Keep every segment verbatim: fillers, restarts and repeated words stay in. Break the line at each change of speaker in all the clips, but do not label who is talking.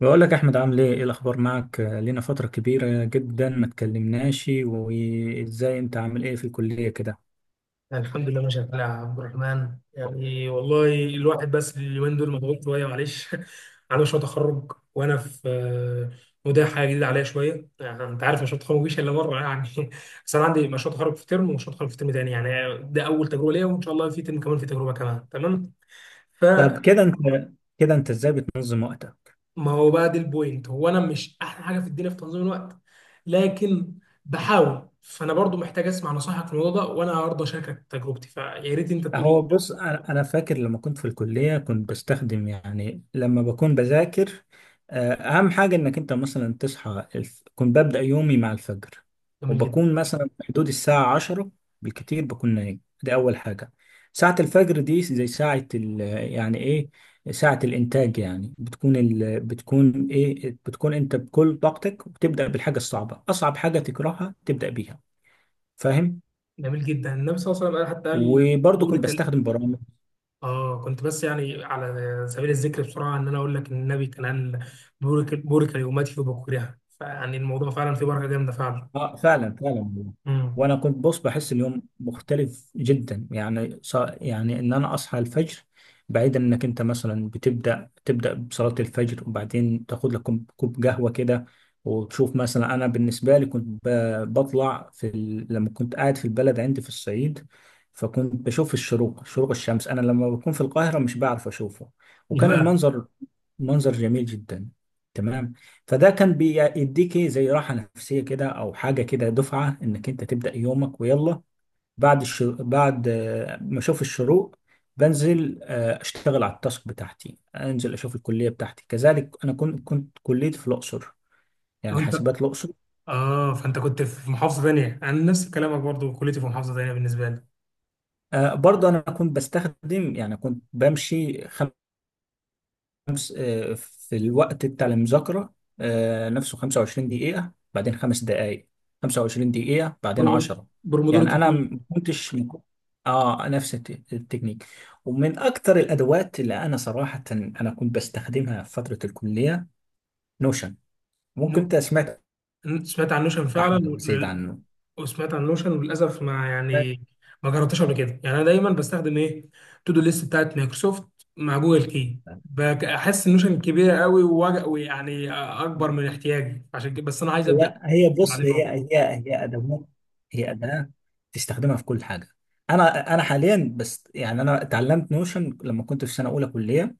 بقول لك يا احمد، عامل ايه، ايه الاخبار معك؟ آه، لينا فتره كبيره جدا ما اتكلمناش. وازاي انت عامل ايه في الكليه كده؟
يعني الحمد لله ماشي يا عبد الرحمن، يعني والله الواحد بس اليومين دول مضغوط شويه، معلش على مشروع تخرج وانا في آه، وده حاجه جديده عليا شويه. يعني انت عارف، مشروع التخرج مفيش الا مره، يعني بس انا عندي مشروع تخرج في ترم ومشروع تخرج في ترم تاني، يعني ده اول تجربه ليا، وان شاء الله في ترم كمان في تجربه كمان. تمام.
طب
فما
كده انت كده انت ازاي بتنظم وقتك؟
هو بقى دي البوينت، هو انا مش احلى حاجه في الدنيا في تنظيم الوقت، لكن بحاول. فانا برضو محتاج اسمع نصائحك في الموضوع ده، وانا هرضى اشاركك تجربتي، فيا ريت انت تقول لي.
هو بص، انا أنا فاكر لما كنت في الكليه كنت بستخدم، يعني لما بكون بذاكر، آه، اهم حاجه انك انت مثلا تصحى الف... كنت ببدا يومي مع الفجر.
جميل جدا.
وبكون مثلا في حدود الساعه عشرة بالكتير بكون نايم. دي اول حاجه. ساعه الفجر دي زي ساعه ال... يعني ايه، ساعه الانتاج. يعني بتكون ال... بتكون ايه، بتكون انت بكل طاقتك، وبتبدا بالحاجه الصعبه، اصعب حاجه تكرهها تبدا بيها. فاهم؟
جميل جدا، النبي صلى الله عليه وسلم قال- حتى قال
وبرضه كنت
بورك ال-
بستخدم برامج.
اه، كنت بس يعني على سبيل الذكر بسرعه ان انا اقول لك ان النبي كان قال بورك بورك لامتي وبكورها، فيعني الموضوع فعلا فيه بركه جامده فعلا.
اه فعلا فعلا والله.
امم.
وانا كنت بص بحس اليوم مختلف جدا، يعني ص... يعني ان انا اصحى الفجر. بعيدا، انك انت مثلا بتبدا تبدا بصلاه الفجر، وبعدين تاخد لك كوب كوب قهوه كده وتشوف. مثلا انا بالنسبه لي كنت ب... بطلع في ال... لما كنت قاعد في البلد عندي في الصعيد، فكنت بشوف الشروق، شروق الشمس، انا لما بكون في القاهره مش بعرف اشوفه.
ايه
وكان
بقى؟
المنظر منظر جميل جدا. تمام، فده كان بيديك إيه، زي راحة نفسية كده، أو حاجة كده، دفعة إنك أنت تبدأ يومك. ويلا بعد الش... بعد آه، ما أشوف الشروق بنزل آه، أشتغل على التاسك بتاعتي. أنزل أشوف الكلية بتاعتي، كذلك أنا كنت كنت كليتي في الأقصر،
لو
يعني
انت
حاسبات الأقصر.
اه، فانت كنت في محافظه ثانيه، انا نفس كلامك برضو، كليتي في محافظه ثانيه بالنسبه لي.
آه، برضه أنا كنت بستخدم، يعني كنت بمشي خمس خمس، آه، في الوقت بتاع المذاكرة آه، نفسه 25 دقيقة، بعدين خمس دقايق، 25 دقيقة بعدين
برومو-
عشرة.
برومودور
يعني أنا
كتير.
ما كنتش، اه نفس الت- التكنيك. ومن أكتر الأدوات اللي أنا صراحة أنا كنت بستخدمها في فترة الكلية نوشن. ممكن أنت سمعت
انت سمعت عن نوشن فعلا،
أحمد أبو زيد
وال-
عنه؟
وسمعت عن نوشن وللاسف، ما يعني ما جربتهاش قبل كده. يعني انا دايما بستخدم ايه، تو دو ليست بتاعت مايكروسوفت مع جوجل كي. بج- احس النوشن كبيره قوي، ووج- ويعني اكبر
سمعت.
من احتياجي، عشان كده بس انا عايز ابدا
لا، هي بص،
اتعلمها
هي
أهو.
هي هي أدوات، هي أداة تستخدمها في كل حاجة. أنا أنا حاليا، بس يعني أنا اتعلمت نوشن لما كنت في سنة أولى كلية.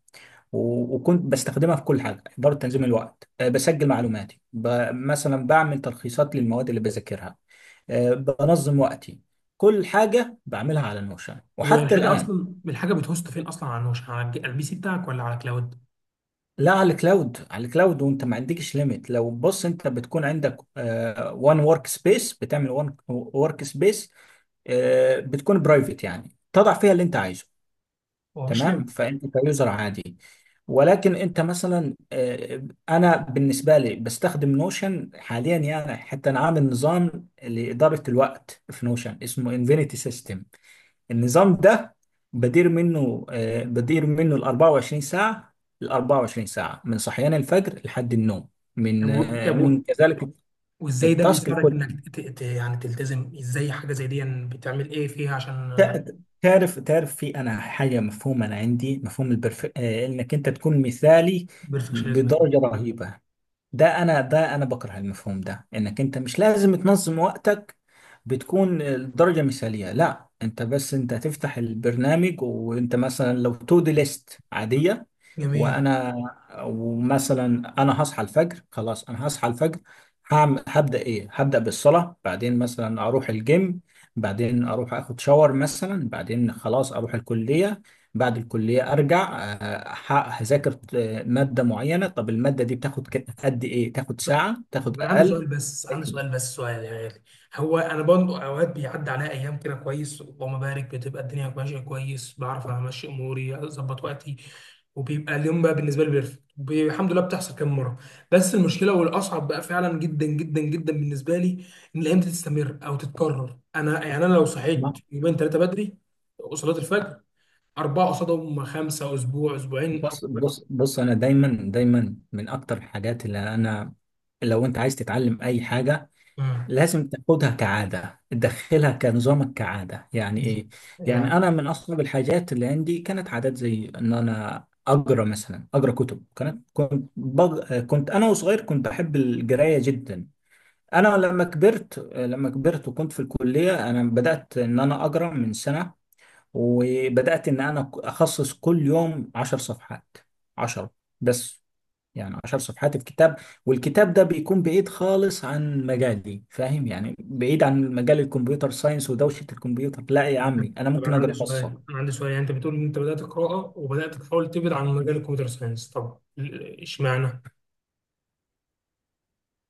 و- وكنت بستخدمها في كل حاجة، إدارة تنظيم الوقت، أه، بسجل معلوماتي، ب- مثلا بعمل تلخيصات للمواد اللي بذاكرها، أه، بنظم وقتي. كل حاجة بعملها على نوشن
هو
وحتى
الحاجه
الآن.
اصلا، الحاجه بتهوست فين اصلا، على نوشن على الج- على البي سي بتاعك ولا على كلاود؟
لا، على الكلاود، على الكلاود. وانت ما عندكش ليميت. لو بص، انت بتكون عندك وان ورك سبيس، بتعمل وان ورك سبيس آه، بتكون برايفت، يعني تضع فيها اللي انت عايزه.
هو مفيش ليميت؟
تمام، فانت كيوزر عادي، ولكن انت مثلا آه، انا بالنسبه لي بستخدم نوشن حاليا، يعني حتى انا عامل نظام لاداره الوقت في نوشن اسمه انفينيتي سيستم. النظام ده بدير منه آه، بدير منه ال أربعة وعشرين ساعة ساعه، ال أربعة وعشرين ساعة ساعه من صحيان الفجر لحد النوم،
طب
من
و-
آه،
طب
من
و-
كذلك
وازاي ده
التاسك.
بيساعدك انك ت- ت- يعني تلتزم؟ ازاي حاجه زي دي يعني بتعمل ايه فيها عشان
تع- تعرف تعرف في انا حاجه مفهوم انا عندي مفهوم البرف... آه، انك انت تكون مثالي
بيرفكشنزم؟
بدرجه رهيبه. ده انا ده انا بكره المفهوم ده، انك انت مش لازم تنظم وقتك بتكون الدرجه مثاليه. لا، انت بس انت هتفتح البرنامج، وانت مثلا لو تو دي ليست عاديه.
جميل.
وانا ومثلا انا هصحى الفجر، خلاص انا هصحى الفجر، هعمل هبدا ايه؟ هبدا بالصلاه، بعدين مثلا اروح الجيم، بعدين اروح اخد شاور، مثلا بعدين خلاص اروح الكليه. بعد الكليه ارجع آه، ه- هذاكر آه، ماده معينه. طب الماده دي بتاخد ك- قد ايه؟ تاخد ساعه، تاخد
طب انا عندي سؤال،
اقل.
بس عندي سؤال، بس سؤال يا غالي. هو انا برضه اوقات بيعدي عليا ايام كده كويس، اللهم بارك، بتبقى الدنيا ماشيه كويس، بعرف امشي اموري، اظبط وقتي، وبيبقى اليوم بقى بالنسبه لي بيرفكت، وبي- الحمد لله، بتحصل كام مره. بس المشكله والاصعب بقى فعلا جدا جدا جدا بالنسبه لي، ان الايام دي تستمر او تتكرر. انا يعني انا لو صحيت
ما-
يومين ثلاثه بدري وصلاه الفجر، اربعه قصادهم خمسه، اسبوع اسبوعين.
بص بص بص، انا دايما دايما من اكتر الحاجات اللي انا، لو انت عايز تتعلم اي حاجه
آه.
لازم تاخدها كعادة، تدخلها كنظامك كعادة، يعني إيه؟ يعني
يعني
أنا من أصعب الحاجات اللي عندي كانت عادات، زي إن أنا أقرأ، مثلا أقرأ كتب. كانت، كنت بغ... كنت أنا وصغير كنت بحب القراية جدا. أنا لما كبرت، لما كبرت وكنت في الكلية، أنا بدأت إن أنا أقرأ من سنة، وبدأت إن أنا أخصص كل يوم عشر صفحات، عشر بس، يعني عشر صفحات الكتاب. والكتاب ده بيكون بعيد خالص عن مجالي، فاهم؟ يعني بعيد عن مجال الكمبيوتر ساينس ودوشة الكمبيوتر. لا يا
طب
عمي، أنا
طب انا
ممكن
عندي
أقرأ
سؤال
قصة.
انا عندي سؤال يعني انت بتقول ان انت بدات قراءه وبدات تحاول تبعد عن مجال الكمبيوتر ساينس، طب ال- اشمعنى؟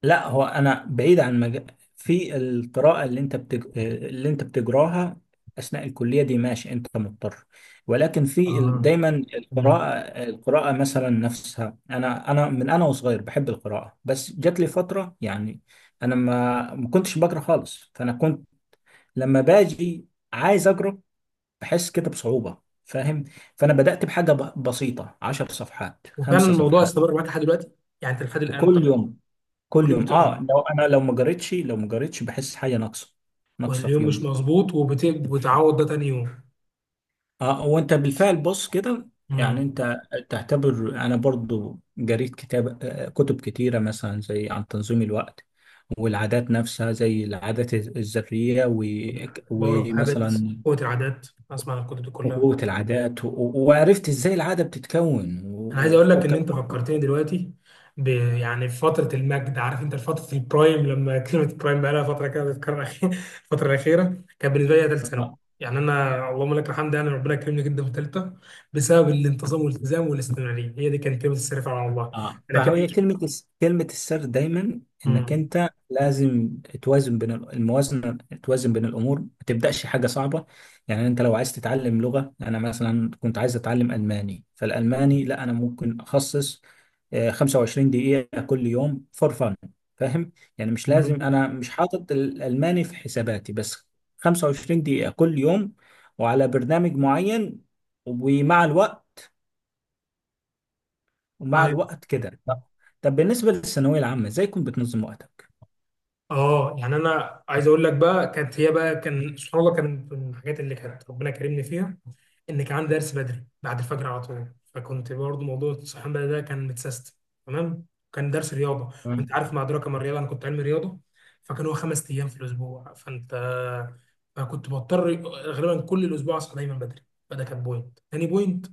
لا، هو أنا بعيد عن مجال، في القراءة اللي أنت بتج... اللي أنت بتجراها أثناء الكلية دي ماشي، أنت مضطر، ولكن في ال-
اه،
دايما
تمام.
القراءة، القراءة مثلا نفسها. أنا أنا من أنا وصغير بحب القراءة، بس جات لي فترة، يعني انا ما ما كنتش بقرا خالص. فانا كنت لما باجي عايز اجرب، بحس كده بصعوبة، فاهم؟ فانا بدأت بحاجة ب- بسيطة، عشر صفحات،
وفعلا
خمسة
الموضوع
صفحات
استمر معاك لحد دلوقتي؟ يعني انت لحد الان أنت
وكل يوم،
كل
كل
يوم
يوم اه،
بتقرا؟
لو انا لو ما جريتش، لو ما جريتش بحس حاجة ناقصة، ناقصة في
واليوم مش
يومي.
مظبوط، وبت... وبتعوض ده تاني يوم.
اه، وانت بالفعل بص كده، يعني
امم.
انت تعتبر، انا برضو جريت كتاب آه، كتب كتيرة، مثلا زي عن تنظيم الوقت والعادات نفسها، زي العادات الذرية، و-
باور اوف هابت،
ومثلا
قوه العادات، اسمع عن الكتب دي كلها.
قوة العادات، و- و- وعرفت ازاي العادة بتتكون، و-
انا عايز
و-
اقول لك ان انت
وكمان
فكرتني دلوقتي ب يعني في فتره المجد، عارف انت فتره البرايم، لما كلمه برايم بقى لها فتره كده بتتكرر أخي- الفتره الاخيره كان بالنسبه لي ثالث ثانوي. يعني انا اللهم لك الحمد، يعني ربنا كرمني جدا في ثالثه بسبب الانتظام والالتزام والاستمراريه، هي دي كانت كلمه السر فعلا والله.
اه.
انا
فهو هي
كنت.
كلمة الس- كلمة السر دايما، انك انت لازم توازن بين ال- الموازنة، توازن بين الامور، ما تبدأش حاجة صعبة. يعني انت لو عايز تتعلم لغة، انا مثلا كنت عايز اتعلم الماني، فالالماني لا، انا ممكن اخصص آه، 25 دقيقة كل يوم فور فن، فاهم؟ يعني مش لازم، انا مش حاطط الالماني في حساباتي، بس 25 دقيقة كل يوم وعلى برنامج معين، ومع الوقت، ومع
مم.
الوقت كده. طب، طب بالنسبه للثانويه العامه ازاي كنت بتنظم وقتك؟
اه، يعني انا عايز اقول لك بقى، كانت هي بقى، كان سبحان الله، كان من الحاجات اللي كانت ربنا كرمني فيها ان كان عندي درس بدري بعد الفجر على طول، فكنت برضو موضوع الصحيان بدري ده كان متسيستم. تمام. كان درس رياضه، وانت
تمام.
عارف مع ادراك ما الرياضه، انا كنت علمي رياضه، فكان هو خمس ايام في الاسبوع. فانت فكنت بضطر غالبا كل الاسبوع اصحى دايما بدري، فده كان بوينت، تاني بوينت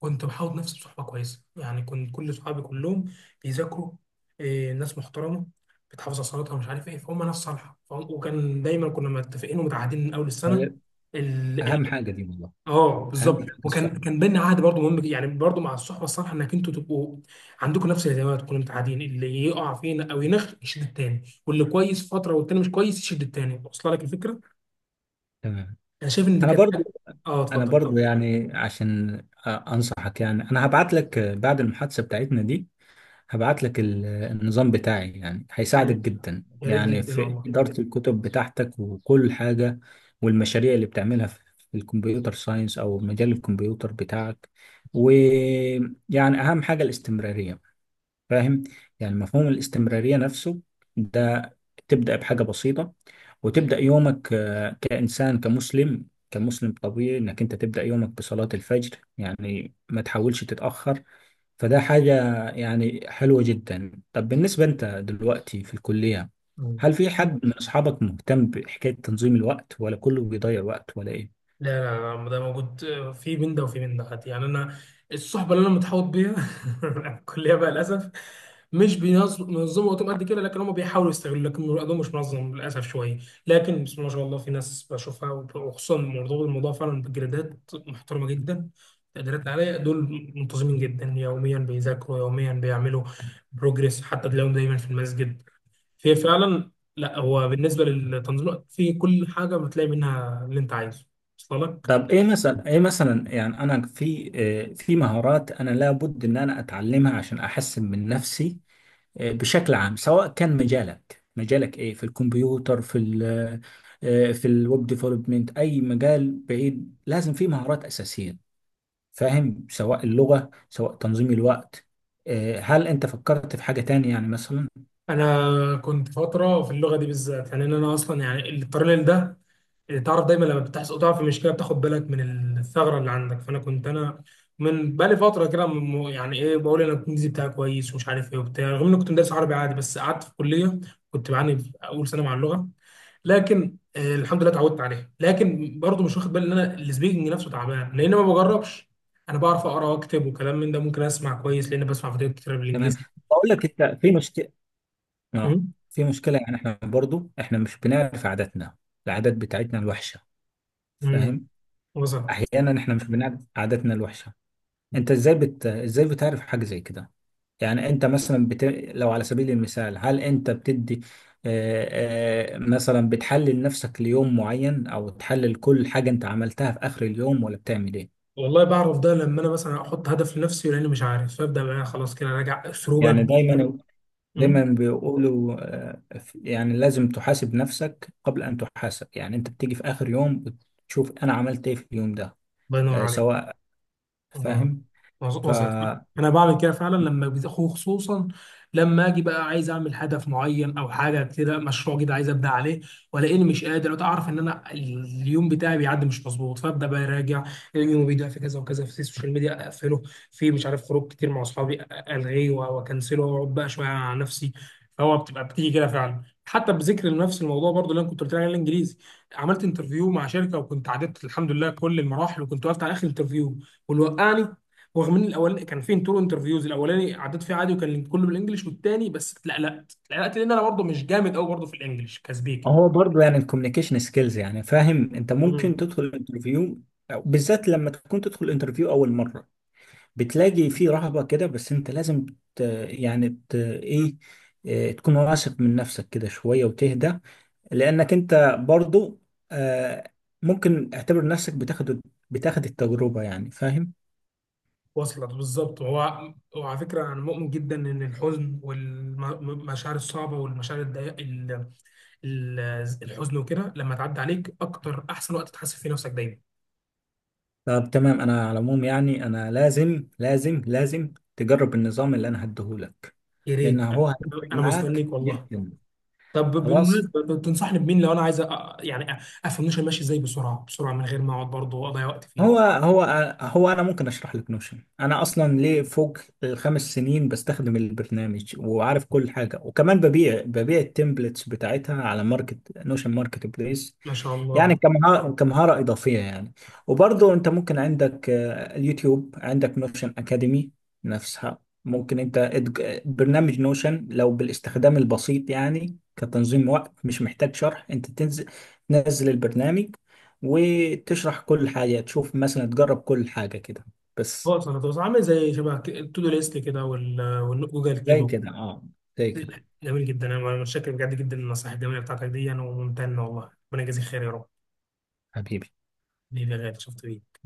كنت بحاول نفسي بصحبة كويسة. يعني كنت كل صحابي كلهم بيذاكروا، إيه، ناس محترمة بتحافظ على صلاتها ومش عارف ايه، فهم ناس صالحة، فهم وكان دايما كنا متفقين ومتعهدين من أول السنة
هل-
ال...
اهم
ال...
حاجه دي والله،
اه،
اهم
بالظبط.
حاجه
وكان
الصحبه.
كان بينا عهد برضه مهم جدا، يعني برضه مع الصحبة الصالحة انك انتوا تبقوا عندكم نفس الاهتمامات، تكونوا متعهدين، اللي يقع فينا او ينخ يشد التاني، واللي كويس فترة والتاني مش كويس يشد التاني. واصله لك الفكرة؟
تمام.
انا شايف ان دي
انا
كانت.
برضو
اه،
انا
اتفضل
برضو
اتفضل.
يعني عشان آه، انصحك، يعني انا هبعت لك آه، بعد المحادثه بتاعتنا دي. هبعت لك ال- آه، النظام بتاعي، يعني
يا
هيساعدك
ريت،
جدا،
يا ريت
يعني
جدا
في اداره الكتب بتاعتك وكل حاجه، والمشاريع اللي بتعملها في في الكمبيوتر ساينس او مجال الكمبيوتر بتاعك. ويعني اهم حاجه الاستمراريه، فاهم؟ يعني مفهوم الاستمرارية نفسه ده، تبدأ بحاجة بسيطة، وتبدأ يومك آه، كإنسان، كمسلم كمسلم طبيعي، إنك أنت تبدأ يومك بصلاة الفجر، يعني ما تحاولش تتأخر. فده حاجة يعني حلوة جدا. طب بالنسبة، أنت دلوقتي في الكلية،
والله.
هل في حد من أصحابك مهتم بحكاية تنظيم الوقت، ولا كله بيضيع وقت، ولا إيه؟
لا، لا، لا، ده موجود. في من ده وفي من ده، حتى يعني انا الصحبه اللي انا متحوط بيها في الكليه بقى للاسف مش بينظموا وقتهم قد كده، لكن هم بيحاولوا يستغلوا، لكن وقتهم مش منظم للاسف شويه. لكن بسم الله ما شاء الله في ناس بشوفها، وخصوصا مرتبط الموضوع فعلا بجريدات محترمه جدا، تقديرات عاليه، دول منتظمين جدا، يوميا بيذاكروا، يوميا بيعملوا بروجريس، حتى تلاقيهم دايما في المسجد، في فعلا. لا، هو بالنسبه للتنظيم الوقت في كل حاجه بتلاقي منها اللي انت عايزه. وصل لك.
طب ايه مثلا، ايه مثلا يعني انا في آه، في مهارات انا لابد ان انا اتعلمها عشان احسن من نفسي بشكل عام، سواء كان مجالك مجالك ايه، في الكمبيوتر، في ال آه، في الويب ديفلوبمنت، اي مجال بعيد لازم فيه مهارات اساسيه، فاهم؟ سواء اللغه، سواء تنظيم الوقت. آه، هل انت فكرت في حاجه تانية يعني مثلا؟
انا كنت فتره في اللغه دي بالذات، يعني ان انا اصلا يعني الباراليل ده اللي تعرف دايما لما بتحصل تقع في مشكله بتاخد بالك من الثغره اللي عندك. فانا كنت انا من بقالي فتره كده م- يعني ايه، بقول انا الانجليزي بتاعي كويس ومش عارف ايه وبتاع، رغم اني كنت مدرس عربي عادي، بس قعدت في الكليه كنت بعاني في اول سنه مع اللغه، لكن آه الحمد لله اتعودت عليها. لكن برضه مش واخد بالي ان انا السبيكنج نفسه تعبان لان ما بجربش. انا بعرف اقرا واكتب وكلام من ده، ممكن اسمع كويس لان بسمع فيديوهات كتير
تمام،
بالانجليزي.
بقول لك انت في مشكله، اه
امم.
في مشكله. يعني احنا برضو، احنا مش بنعرف عاداتنا، العادات بتاعتنا الوحشه،
امم،
فاهم؟
وصل.
احيانا احنا مش بنعرف عاداتنا الوحشه. انت ازاي بت... ازاي بتعرف حاجه زي كده؟ يعني انت مثلا بت... لو على سبيل المثال، هل انت بتدي آه، آه، مثلا بتحلل نفسك ليوم معين، او تحلل كل حاجة انت عملتها في اخر اليوم، ولا بتعمل ايه؟
والله بعرف ده لما انا مثلا احط هدف لنفسي، لاني مش عارف، فابدا بقى خلاص كده راجع اسلوبك.
يعني دايما دايما
أمم،
بيقولوا، آه، في- يعني لازم تحاسب نفسك قبل ان تحاسب، يعني انت بتيجي في اخر يوم بتشوف انا عملت ايه في اليوم ده،
الله ينور
آه،
عليك.
سواء،
اه،
فاهم؟
وص- وصلت.
فهو
انا بعمل كده فعلا، لما بت- خصوصا لما اجي بقى عايز اعمل هدف معين او حاجه كده، مشروع كده عايز ابدا عليه، والاقيني مش قادر اعرف ان انا اليوم بتاعي بيعدي مش مظبوط، فابدا بقى اراجع. اليوم بيضيع في كذا وكذا، في السوشيال ميديا اقفله، في مش عارف خروج كتير مع اصحابي الغيه و- واكنسله واقعد بقى شويه على نفسي. فهو بتبقى بتيجي كده فعلا، حتى بذكر لنفس الموضوع برضو اللي انا كنت قلت لك عليه، الانجليزي، عملت انترفيو مع شركه وكنت عديت الحمد لله كل المراحل، وكنت وقفت على اخر انترفيو والوقعني. ورغم ان الاولاني كان فين تو انترفيوز، الاولاني عديت فيه عادي وكان كله بالانجلش، والتاني بس اتلقلقت اتلقلقت، لان انا برضه مش جامد قوي برضه في الانجلش كسبيكي.
برضو يعني الكوميونيكيشن سكيلز، يعني فاهم؟ انت ممكن
امم،
تدخل انترفيو، بالذات لما تكون تدخل انترفيو اول مرة بتلاقي فيه رهبة كده، بس انت لازم ت... يعني ت... ايه آه، تكون واثق من نفسك كده شوية وتهدى. لأنك انت برضو آه، ممكن اعتبر نفسك بتاخد بتاخد التجربة، يعني فاهم؟
وصلت بالظبط. هو وعلى فكره انا مؤمن جدا ان الحزن والمشاعر الصعبه والمشاعر الضيق ال- ال- الحزن وكده، لما تعدي عليك اكتر احسن وقت تحاسب فيه نفسك دايما.
طب تمام، انا على العموم يعني انا لازم لازم لازم تجرب النظام اللي انا هديهولك،
يا
لأن
ريت.
هو هيفرق
انا
معاك
مستنيك والله.
جدا.
طب
خلاص،
بالمناسبه، تنصحني بمين لو انا عايز أ- يعني أ- افهم ماشي ازاي بسرعه بسرعه من غير ما اقعد برضه واضيع وقت فيه؟
هو هو هو انا ممكن اشرح لك نوشن. انا اصلا ليه فوق الخمس سنين بستخدم البرنامج وعارف كل حاجه، وكمان ببيع ببيع التمبلتس بتاعتها على ماركت نوشن ماركت بليس،
ما شاء
يعني
الله.
كمهارة كمهارة إضافية يعني. وبرضه أنت ممكن عندك آه، اليوتيوب، عندك نوشن أكاديمي نفسها. ممكن أنت إدج- برنامج نوشن لو بالاستخدام البسيط، يعني كتنظيم وقت مش محتاج شرح، أنت تنزل، تنزل البرنامج وتشرح كل حاجة، تشوف مثلا، تجرب كل حاجة كده
هو
بس.
اصلا هو عامل زي شبه ك- التودو ليست كده وال- والجوجل
زي
كيبو.
كده، أه زي كده.
جميل جدا. انا أنا متشكر بجد جدا، النصائح الجميله بتاعتك دي انا وممتن، والله ربنا يجازيك خير يا رب.
حبيبي.
حبيبي يا غالي، شفت بيه.